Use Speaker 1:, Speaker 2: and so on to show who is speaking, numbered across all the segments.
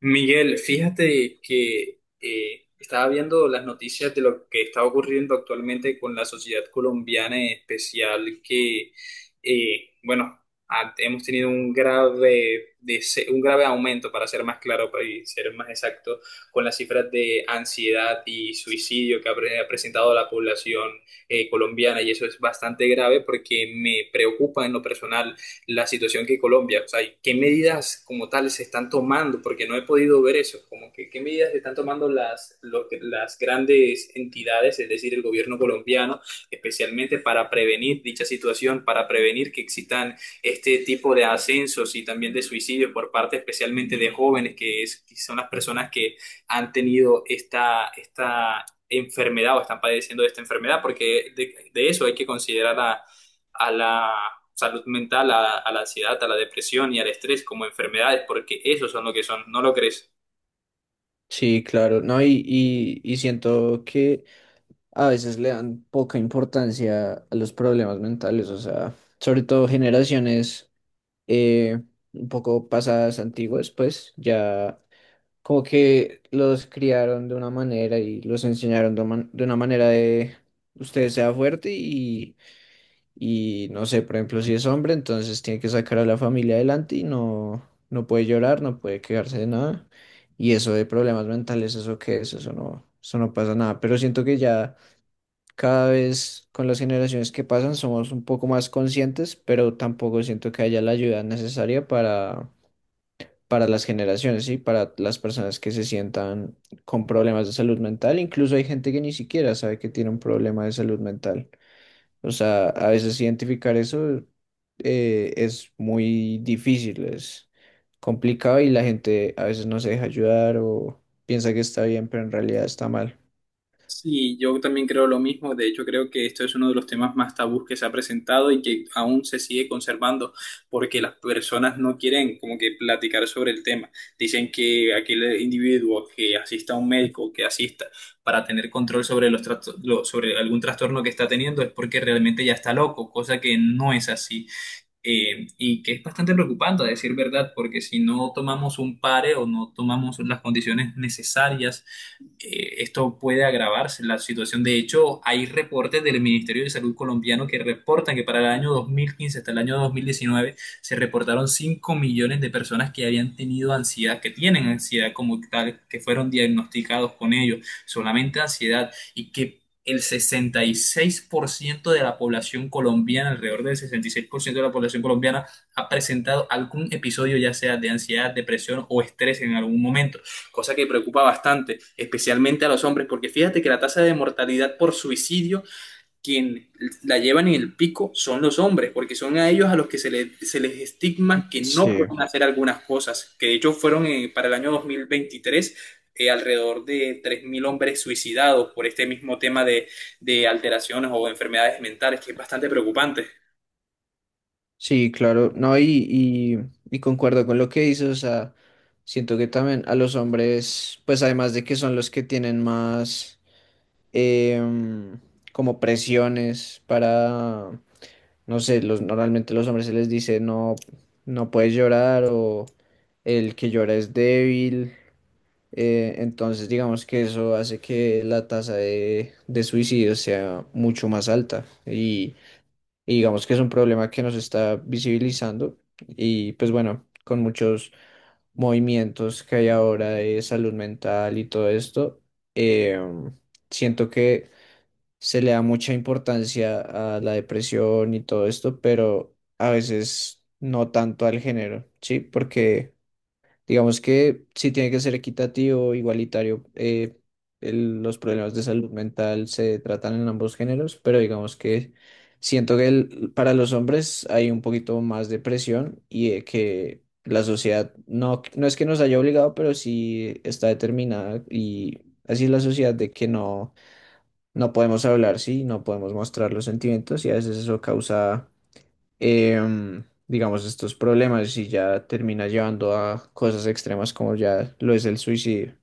Speaker 1: Miguel, fíjate que estaba viendo las noticias de lo que está ocurriendo actualmente con la sociedad colombiana en especial, eh, bueno, hemos tenido un grave, un grave aumento. Para ser más claro, y ser más exacto, con las cifras de ansiedad y suicidio que ha presentado la población colombiana. Y eso es bastante grave porque me preocupa en lo personal la situación que Colombia, o sea, ¿qué medidas como tal se están tomando? Porque no he podido ver eso, como que qué medidas se están tomando las grandes entidades, es decir, el gobierno colombiano, especialmente para prevenir dicha situación, para prevenir que existan este tipo de ascensos y también de suicidios por parte especialmente de jóvenes, que, que son las personas que han tenido esta enfermedad o están padeciendo de esta enfermedad, porque de eso hay que considerar a la salud mental, a la ansiedad, a la depresión y al estrés como enfermedades, porque esos son lo que son, ¿no lo crees?
Speaker 2: Sí, claro, no, y siento que a veces le dan poca importancia a los problemas mentales, o sea, sobre todo generaciones eh, un poco pasadas, antiguas, pues ya como que los criaron de una manera y los enseñaron de una manera de usted sea fuerte y no sé, por ejemplo, si es hombre, entonces tiene que sacar a la familia adelante y no, no puede llorar, no puede quejarse de nada. Y eso de problemas mentales, ¿eso qué es? Eso no pasa nada. Pero siento que ya cada vez con las generaciones que pasan somos un poco más conscientes, pero tampoco siento que haya la ayuda necesaria para las generaciones, y para las personas que se sientan con problemas de salud mental. Incluso hay gente que ni siquiera sabe que tiene un problema de salud mental. O sea, a veces identificar eso es muy difícil, es complicado y la gente a veces no se deja ayudar o piensa que está bien, pero en realidad está mal.
Speaker 1: Sí, yo también creo lo mismo. De hecho, creo que esto es uno de los temas más tabús que se ha presentado y que aún se sigue conservando porque las personas no quieren como que platicar sobre el tema. Dicen que aquel individuo que asista a un médico, que asista para tener control sobre los sobre algún trastorno que está teniendo es porque realmente ya está loco, cosa que no es así. Y que es bastante preocupante, a decir verdad, porque si no tomamos un pare o no tomamos las condiciones necesarias, esto puede agravarse la situación. De hecho, hay reportes del Ministerio de Salud colombiano que reportan que para el año 2015 hasta el año 2019 se reportaron 5 millones de personas que habían tenido ansiedad, que tienen ansiedad como tal, que fueron diagnosticados con ello, solamente ansiedad, y que el 66% de la población colombiana, alrededor del 66% de la población colombiana, ha presentado algún episodio ya sea de ansiedad, depresión o estrés en algún momento, cosa que preocupa bastante, especialmente a los hombres, porque fíjate que la tasa de mortalidad por suicidio, quien la llevan en el pico son los hombres, porque son a ellos a los que se les estigma que no
Speaker 2: Sí,
Speaker 1: pueden hacer algunas cosas, que de hecho fueron para el año 2023 alrededor de 3.000 hombres suicidados por este mismo tema de alteraciones o enfermedades mentales, que es bastante preocupante.
Speaker 2: sí, claro, no, y concuerdo con lo que dices, o sea, siento que también a los hombres, pues además de que son los que tienen más em, como presiones para no sé, normalmente los hombres se les dice no, no puedes llorar o el que llora es débil. Entonces digamos que eso hace que la tasa de suicidio sea mucho más alta y digamos que es un problema que nos está visibilizando y pues bueno, con muchos movimientos que hay ahora de salud mental y todo esto, eh, siento que se le da mucha importancia a la depresión y todo esto, pero a veces no tanto al género, ¿sí? Porque digamos que sí tiene que ser equitativo, igualitario, los problemas de salud mental se tratan en ambos géneros, pero digamos que siento que para los hombres hay un poquito más de presión y de que... La sociedad no, no es que nos haya obligado, pero sí está determinada y así es la sociedad de que no, no podemos hablar, sí, no podemos mostrar los sentimientos y a veces eso causa, digamos, estos problemas y ya termina llevando a cosas extremas como ya lo es el suicidio.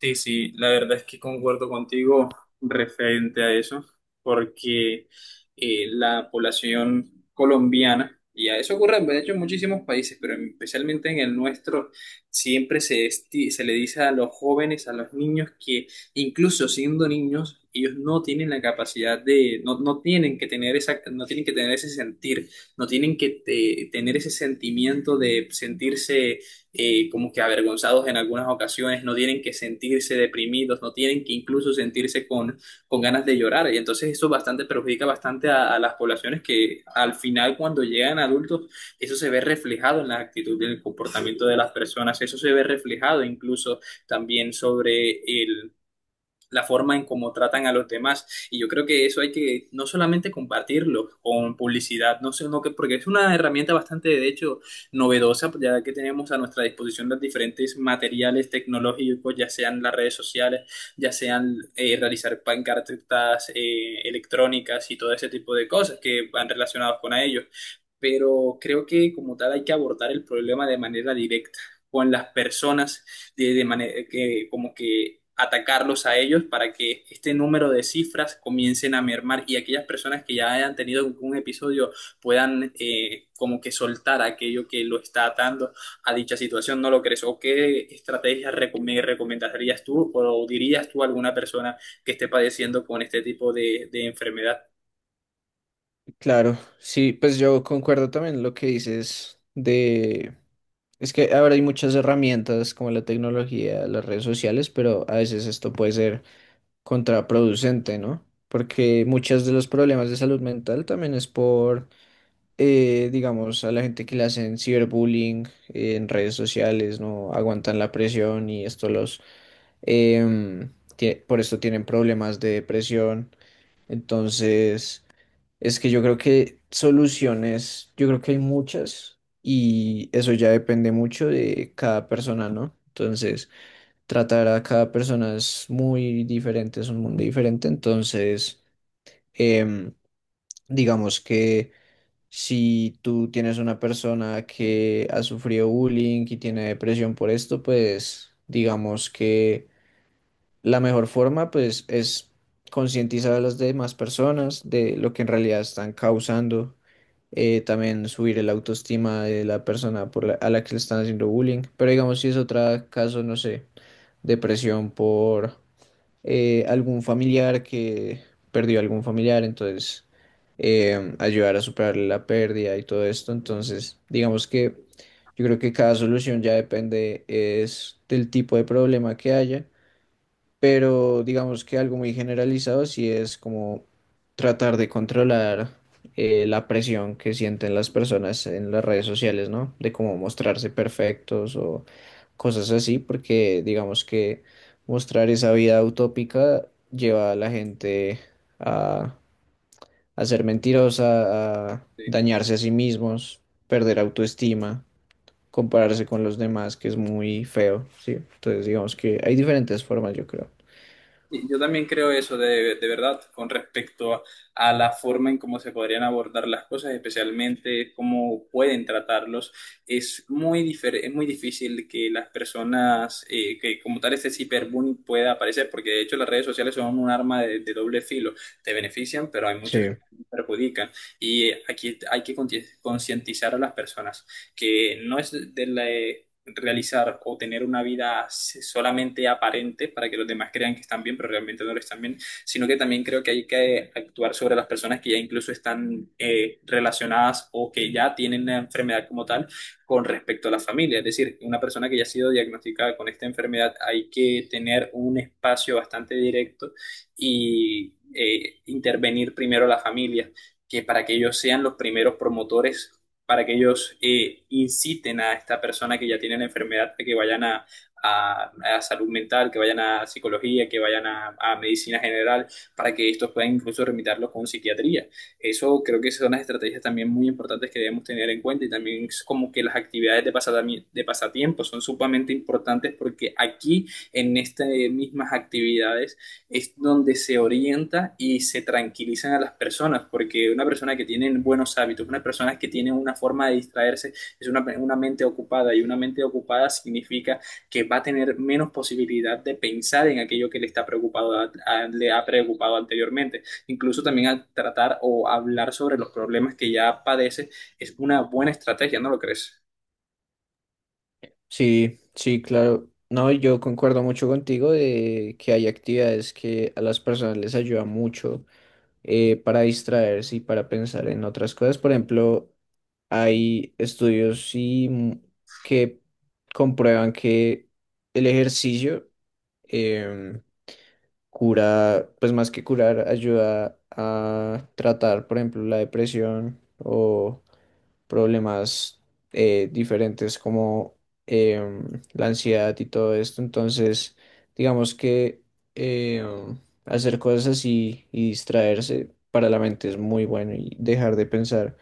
Speaker 1: Sí, sí, la verdad es que concuerdo contigo referente a eso, porque la población colombiana, y a eso ocurre de hecho en muchísimos países, pero especialmente en el nuestro, siempre se, se le dice a los jóvenes, a los niños, que incluso siendo niños, ellos no tienen la capacidad de, no, no tienen que tener esa, no tienen que tener ese sentir, no tienen que tener ese sentimiento de sentirse como que avergonzados en algunas ocasiones, no tienen que sentirse deprimidos, no tienen que incluso sentirse con, ganas de llorar. Y entonces eso bastante perjudica bastante a, las poblaciones que al final cuando llegan adultos, eso se ve reflejado en la actitud y en el comportamiento de las personas, eso se ve reflejado incluso también sobre el la forma en cómo tratan a los demás. Y yo creo que eso hay que no solamente compartirlo con publicidad, no sé, no que, porque es una herramienta bastante, de hecho, novedosa, ya que tenemos a nuestra disposición los diferentes materiales tecnológicos, ya sean las redes sociales, ya sean realizar pancartas electrónicas y todo ese tipo de cosas que van relacionados con ellos. Pero creo que como tal hay que abordar el problema de manera directa con las personas de manera que como que atacarlos a ellos para que este número de cifras comiencen a mermar, y aquellas personas que ya hayan tenido un episodio puedan como que soltar aquello que lo está atando a dicha situación, ¿no lo crees? ¿O qué estrategias me recomendarías tú o dirías tú a alguna persona que esté padeciendo con este tipo de enfermedad?
Speaker 2: Claro, sí, pues yo concuerdo también lo que dices de... Es que ahora hay muchas herramientas como la tecnología, las redes sociales, pero a veces esto puede ser contraproducente, ¿no? Porque muchos de los problemas de salud mental también es por digamos, a la gente que le hacen ciberbullying en redes sociales, no aguantan la presión y esto em, por esto tienen problemas de depresión. Entonces, es que yo creo que soluciones, yo creo que hay muchas y eso ya depende mucho de cada persona, ¿no? Entonces, tratar a cada persona es muy diferente, es un mundo diferente, entonces, em, digamos que si tú tienes una persona que ha sufrido bullying y tiene depresión por esto, pues digamos que la mejor forma pues es concientizar a las demás personas de lo que en realidad están causando, también subir el autoestima de la persona a la que le están haciendo bullying, pero digamos si es otro caso, no sé, depresión por algún familiar que perdió algún familiar, entonces ayudar a superar la pérdida y todo esto. Entonces, digamos que yo creo que cada solución ya depende es del tipo de problema que haya pero digamos que algo muy generalizado sí es como tratar de controlar la presión que sienten las personas en las redes sociales, ¿no? De cómo mostrarse perfectos o cosas así, porque digamos que mostrar esa vida utópica lleva a la gente a, a ser mentirosa, a dañarse a sí mismos, perder autoestima. Compararse con los demás, que es muy feo, ¿sí? Entonces digamos que hay diferentes formas, yo creo.
Speaker 1: Yo también creo eso de, verdad, con respecto a, la forma en cómo se podrían abordar las cosas, especialmente cómo pueden tratarlos. Es muy es muy difícil que las personas, que como tal este ciberbullying pueda aparecer, porque de hecho las redes sociales son un arma de, doble filo. Te benefician, pero hay muchos que
Speaker 2: Sí.
Speaker 1: te perjudican. Y aquí hay que concientizar a las personas que no es de la realizar o tener una vida solamente aparente para que los demás crean que están bien, pero realmente no lo están bien, sino que también creo que hay que actuar sobre las personas que ya incluso están relacionadas o que ya tienen la enfermedad como tal con respecto a la familia. Es decir, una persona que ya ha sido diagnosticada con esta enfermedad, hay que tener un espacio bastante directo y intervenir primero la familia, que para que ellos sean los primeros promotores, para que ellos inciten a esta persona que ya tiene la enfermedad a que vayan a, salud mental, que vayan a psicología, que vayan a, medicina general, para que estos puedan incluso remitirlos con psiquiatría. Eso creo que son las estrategias también muy importantes que debemos tener en cuenta, y también es como que las actividades de de pasatiempo son sumamente importantes porque aquí en estas mismas actividades es donde se orienta y se tranquilizan a las personas, porque una persona que tiene buenos hábitos, una persona que tiene una forma de distraerse, es una mente ocupada, y una mente ocupada significa que va a tener menos posibilidad de pensar en aquello que le está preocupado, le ha preocupado anteriormente. Incluso también al tratar o hablar sobre los problemas que ya padece es una buena estrategia, ¿no lo crees?
Speaker 2: Sí, sí, claro. No, yo concuerdo mucho contigo de que hay actividades que a las personas les ayuda mucho para distraerse y para pensar en otras cosas. Por ejemplo, hay estudios sí, que comprueban que el ejercicio em, cura, pues más que curar, ayuda a tratar, por ejemplo, la depresión o problemas diferentes como la ansiedad y todo esto. Entonces, digamos que em, hacer cosas así y distraerse para la mente es muy bueno y dejar de pensar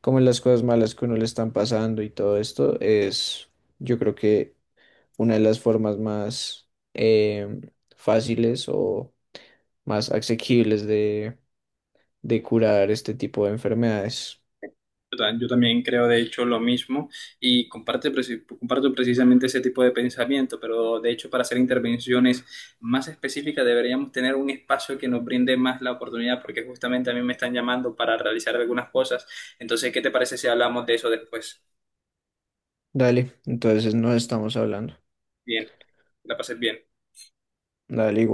Speaker 2: como en las cosas malas que uno le están pasando y todo esto es, yo creo que una de las formas más em, fáciles o más asequibles de curar este tipo de enfermedades.
Speaker 1: Yo yo también creo, de hecho, lo mismo, y comparto precisamente ese tipo de pensamiento, pero de hecho, para hacer intervenciones más específicas deberíamos tener un espacio que nos brinde más la oportunidad, porque justamente a mí me están llamando para realizar algunas cosas. Entonces, ¿qué te parece si hablamos de eso después?
Speaker 2: Dale, entonces nos estamos hablando.
Speaker 1: Bien, que la pases bien.
Speaker 2: Dale igual.